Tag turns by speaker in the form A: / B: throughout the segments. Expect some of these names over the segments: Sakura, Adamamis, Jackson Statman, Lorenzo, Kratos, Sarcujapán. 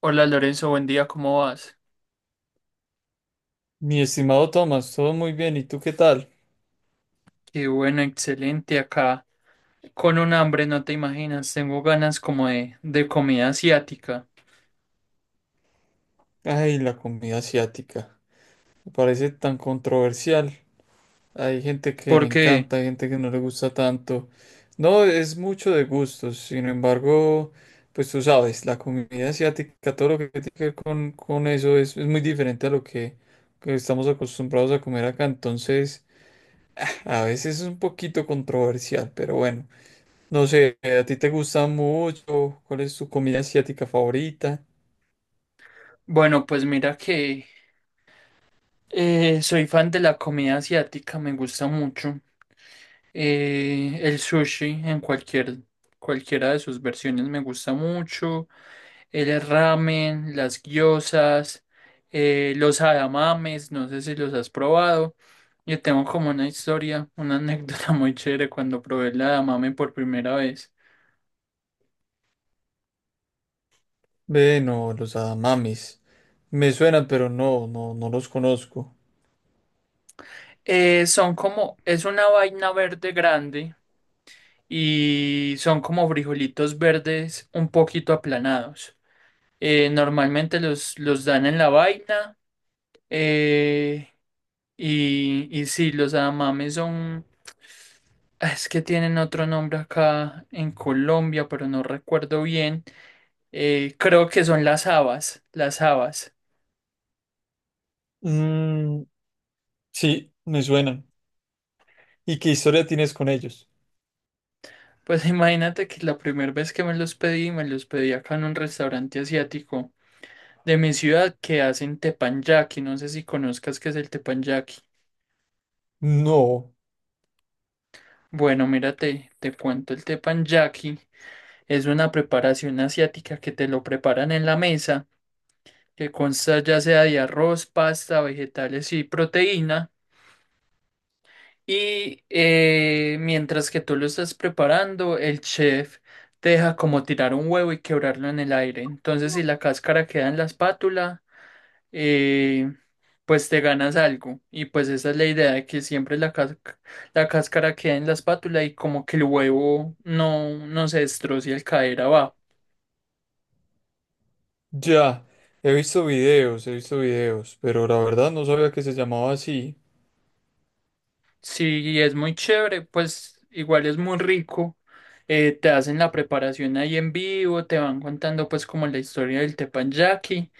A: Hola Lorenzo, buen día, ¿cómo vas?
B: Mi estimado Tomás, todo muy bien, ¿y tú qué tal?
A: Qué bueno, excelente acá. Con un hambre, no te imaginas, tengo ganas como de comida asiática.
B: Ay, la comida asiática, me parece tan controversial. Hay gente que le
A: Porque,
B: encanta, hay gente que no le gusta tanto. No, es mucho de gustos, sin embargo, pues tú sabes, la comida asiática, todo lo que tiene que ver con eso es muy diferente a lo que estamos acostumbrados a comer acá, entonces a veces es un poquito controversial, pero bueno, no sé, ¿a ti te gusta mucho? ¿Cuál es tu comida asiática favorita?
A: bueno, pues mira que soy fan de la comida asiática, me gusta mucho. El sushi en cualquiera de sus versiones me gusta mucho. El ramen, las gyozas, los adamames, no sé si los has probado. Yo tengo como una historia, una anécdota muy chévere cuando probé el adamame por primera vez.
B: Ve, no, los Adamamis. Me suenan, pero no, no, no los conozco.
A: Es una vaina verde grande y son como frijolitos verdes un poquito aplanados. Normalmente los dan en la vaina, eh, y sí, los adamames son... Ah, es que tienen otro nombre acá en Colombia, pero no recuerdo bien. Creo que son las habas, las habas.
B: Mm, sí, me suenan. ¿Y qué historia tienes con ellos?
A: Pues imagínate que la primera vez que me los pedí acá en un restaurante asiático de mi ciudad que hacen teppanyaki. No sé si conozcas qué es el teppanyaki.
B: No,
A: Bueno, mírate, te cuento el teppanyaki. Es una preparación asiática que te lo preparan en la mesa, que consta ya sea de arroz, pasta, vegetales y proteína. Y mientras que tú lo estás preparando, el chef te deja como tirar un huevo y quebrarlo en el aire. Entonces, si la cáscara queda en la espátula, eh, pues te ganas algo. Y pues esa es la idea de que siempre la cáscara queda en la espátula y como que el huevo no, no se destroce al caer abajo.
B: ya. He visto videos, pero la verdad no sabía que se llamaba así.
A: Si es muy chévere, pues igual es muy rico. Te hacen la preparación ahí en vivo, te van contando pues como la historia del teppanyaki.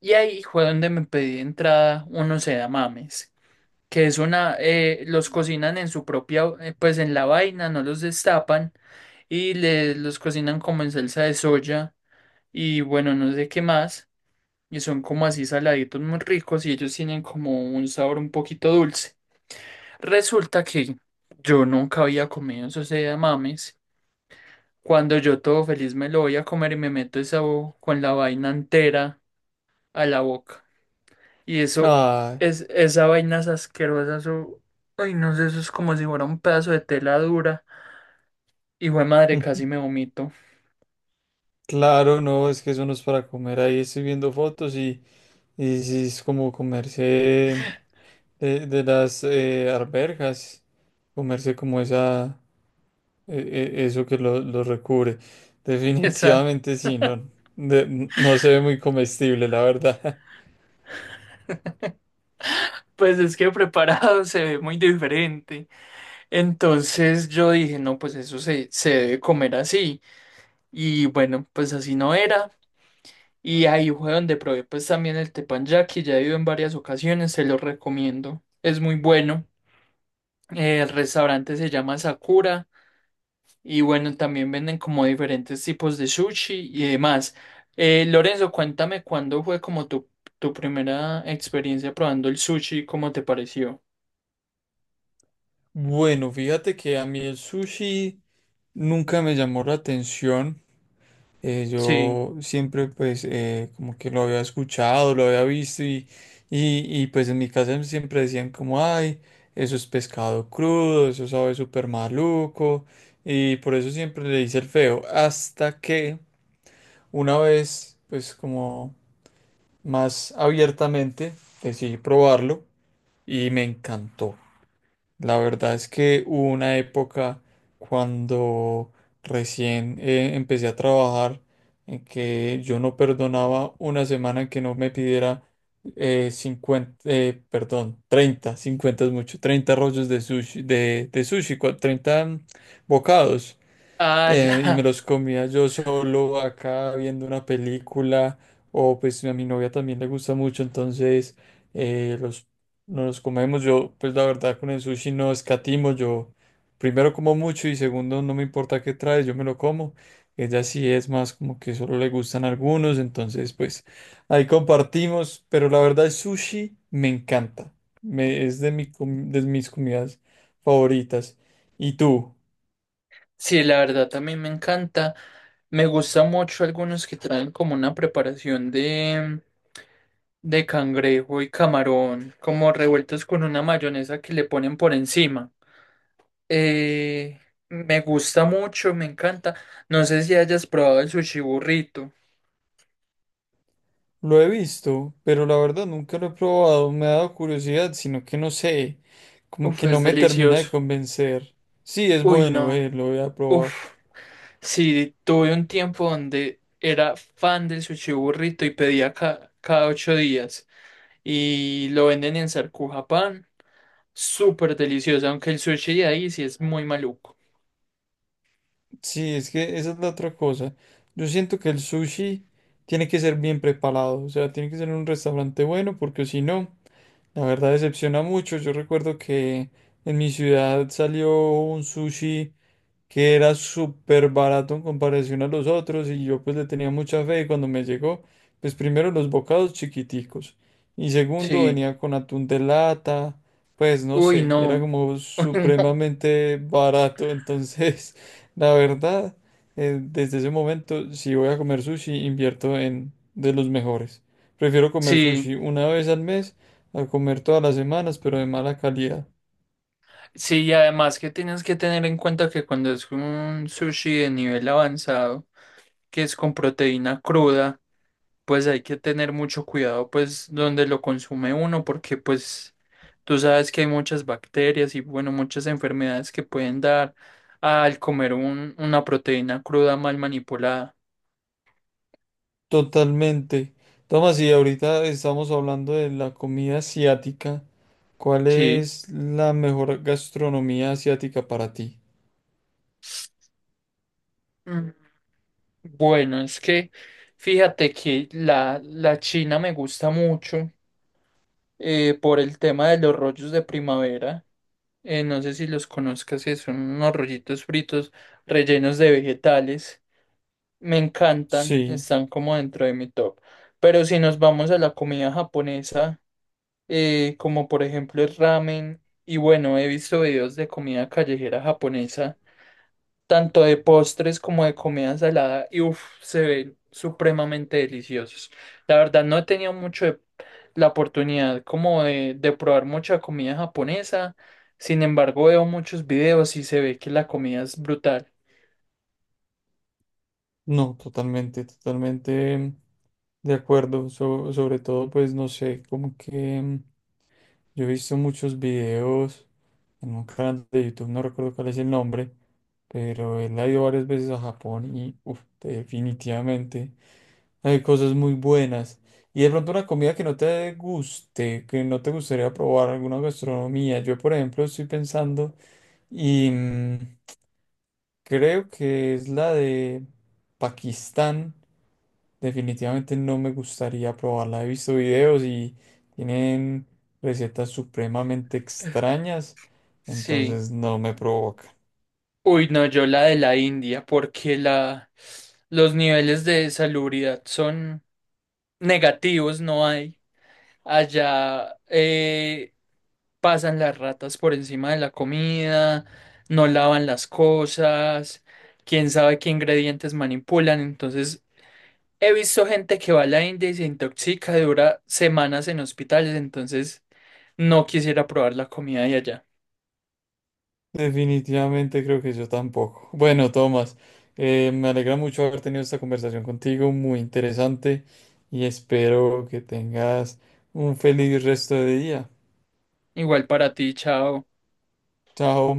A: Y ahí fue donde me pedí entrada unos edamames, que es una, los cocinan en su propia, pues en la vaina, no los destapan y los cocinan como en salsa de soya y bueno, no sé qué más, y son como así saladitos, muy ricos, y ellos tienen como un sabor un poquito dulce. Resulta que yo nunca había comido esos edamames. Cuando yo todo feliz me lo voy a comer y me meto con la vaina entera a la boca. Y eso
B: Ah,
A: es, esa vaina es asquerosa, eso, ay, no sé, eso es como si fuera un pedazo de tela dura. Y güey, madre, casi me vomito.
B: claro, no, es que eso no es para comer. Ahí estoy viendo fotos y sí es como comerse de las arberjas, comerse como esa. e- eso que lo recubre.
A: Esa,
B: Definitivamente sí, no, no se ve muy comestible, la verdad.
A: pues es que preparado se ve muy diferente. Entonces yo dije, no, pues eso se debe comer así. Y bueno, pues así no era. Y ahí fue donde probé pues también el teppanyaki, ya he ido en varias ocasiones, se lo recomiendo. Es muy bueno. El restaurante se llama Sakura. Y bueno, también venden como diferentes tipos de sushi y demás. Lorenzo, cuéntame cuándo fue como tu primera experiencia probando el sushi, ¿cómo te pareció?
B: Bueno, fíjate que a mí el sushi nunca me llamó la atención. Eh,
A: Sí.
B: yo siempre pues como que lo había escuchado, lo había visto y, pues en mi casa siempre decían como, ay, eso es pescado crudo, eso sabe súper maluco y por eso siempre le hice el feo. Hasta que una vez pues como más abiertamente, decidí probarlo y me encantó. La verdad es que hubo una época cuando recién empecé a trabajar en que yo no perdonaba una semana en que no me pidiera 50, perdón, 30 50 es mucho, 30 rollos de sushi, de sushi, 30 bocados
A: Ah,
B: y
A: ya.
B: me los comía yo solo acá viendo una película o pues a mi novia también le gusta mucho, entonces los, nos los comemos. Yo pues la verdad con el sushi no escatimo, yo primero como mucho y segundo no me importa qué trae, yo me lo como. Ella sí es más como que solo le gustan algunos, entonces pues ahí compartimos, pero la verdad el sushi me encanta, me, es de, mi, com- de mis comidas favoritas. ¿Y tú?
A: Sí, la verdad también me encanta. Me gusta mucho algunos que traen como una preparación de cangrejo y camarón, como revueltos con una mayonesa que le ponen por encima. Eh, me gusta mucho, me encanta. No sé si hayas probado el sushi burrito.
B: Lo he visto, pero la verdad nunca lo he probado. Me ha dado curiosidad, sino que no sé, como
A: Uf,
B: que no
A: es
B: me termina de
A: delicioso.
B: convencer. Sí, es
A: Uy,
B: bueno,
A: no.
B: lo voy a probar.
A: Uf. Sí, tuve un tiempo donde era fan del sushi burrito y pedía cada 8 días, y lo venden en Sarcujapán. Súper delicioso, aunque el sushi de ahí sí es muy maluco.
B: Sí, es que esa es la otra cosa. Yo siento que el sushi tiene que ser bien preparado, o sea, tiene que ser en un restaurante bueno, porque si no, la verdad decepciona mucho. Yo recuerdo que en mi ciudad salió un sushi que era súper barato en comparación a los otros y yo pues le tenía mucha fe y cuando me llegó, pues primero los bocados chiquiticos y segundo
A: Sí.
B: venía con atún de lata, pues no
A: Uy,
B: sé, era
A: no.
B: como
A: Uy, no.
B: supremamente barato, entonces la verdad, desde ese momento si voy a comer sushi invierto en de los mejores. Prefiero comer
A: Sí,
B: sushi una vez al mes a comer todas las semanas, pero de mala calidad.
A: sí, y además que tienes que tener en cuenta que cuando es un sushi de nivel avanzado, que es con proteína cruda, pues hay que tener mucho cuidado, pues, donde lo consume uno, porque pues tú sabes que hay muchas bacterias y bueno, muchas enfermedades que pueden dar al comer una proteína cruda mal manipulada.
B: Totalmente. Tomás, y ahorita estamos hablando de la comida asiática. ¿Cuál
A: Sí.
B: es la mejor gastronomía asiática para ti?
A: Mm, bueno, es que fíjate que la china me gusta mucho, por el tema de los rollos de primavera. No sé si los conozcas, que son unos rollitos fritos rellenos de vegetales. Me encantan,
B: Sí,
A: están como dentro de mi top. Pero si nos vamos a la comida japonesa, como por ejemplo el ramen, y bueno, he visto videos de comida callejera japonesa, tanto de postres como de comida salada, y uff, se ven supremamente deliciosos. La verdad no he tenido la oportunidad como de probar mucha comida japonesa, sin embargo veo muchos videos y se ve que la comida es brutal.
B: no, totalmente, totalmente de acuerdo. Sobre todo, pues no sé, como que yo he visto muchos videos en un canal de YouTube, no recuerdo cuál es el nombre, pero él ha ido varias veces a Japón y uf, definitivamente. Hay cosas muy buenas. Y de pronto una comida que no te guste, que no te gustaría probar, alguna gastronomía. Yo, por ejemplo, estoy pensando y creo que es la de Pakistán. Definitivamente no me gustaría probarla. He visto videos y tienen recetas supremamente extrañas,
A: Sí.
B: entonces no me provoca.
A: Uy, no, yo la de la India, porque los niveles de salubridad son negativos, no hay. Allá, pasan las ratas por encima de la comida, no lavan las cosas, quién sabe qué ingredientes manipulan. Entonces, he visto gente que va a la India y se intoxica, dura semanas en hospitales, entonces no quisiera probar la comida de allá.
B: Definitivamente creo que yo tampoco. Bueno, Tomás, me alegra mucho haber tenido esta conversación contigo, muy interesante, y espero que tengas un feliz resto de día.
A: Igual para ti, chao.
B: Chao.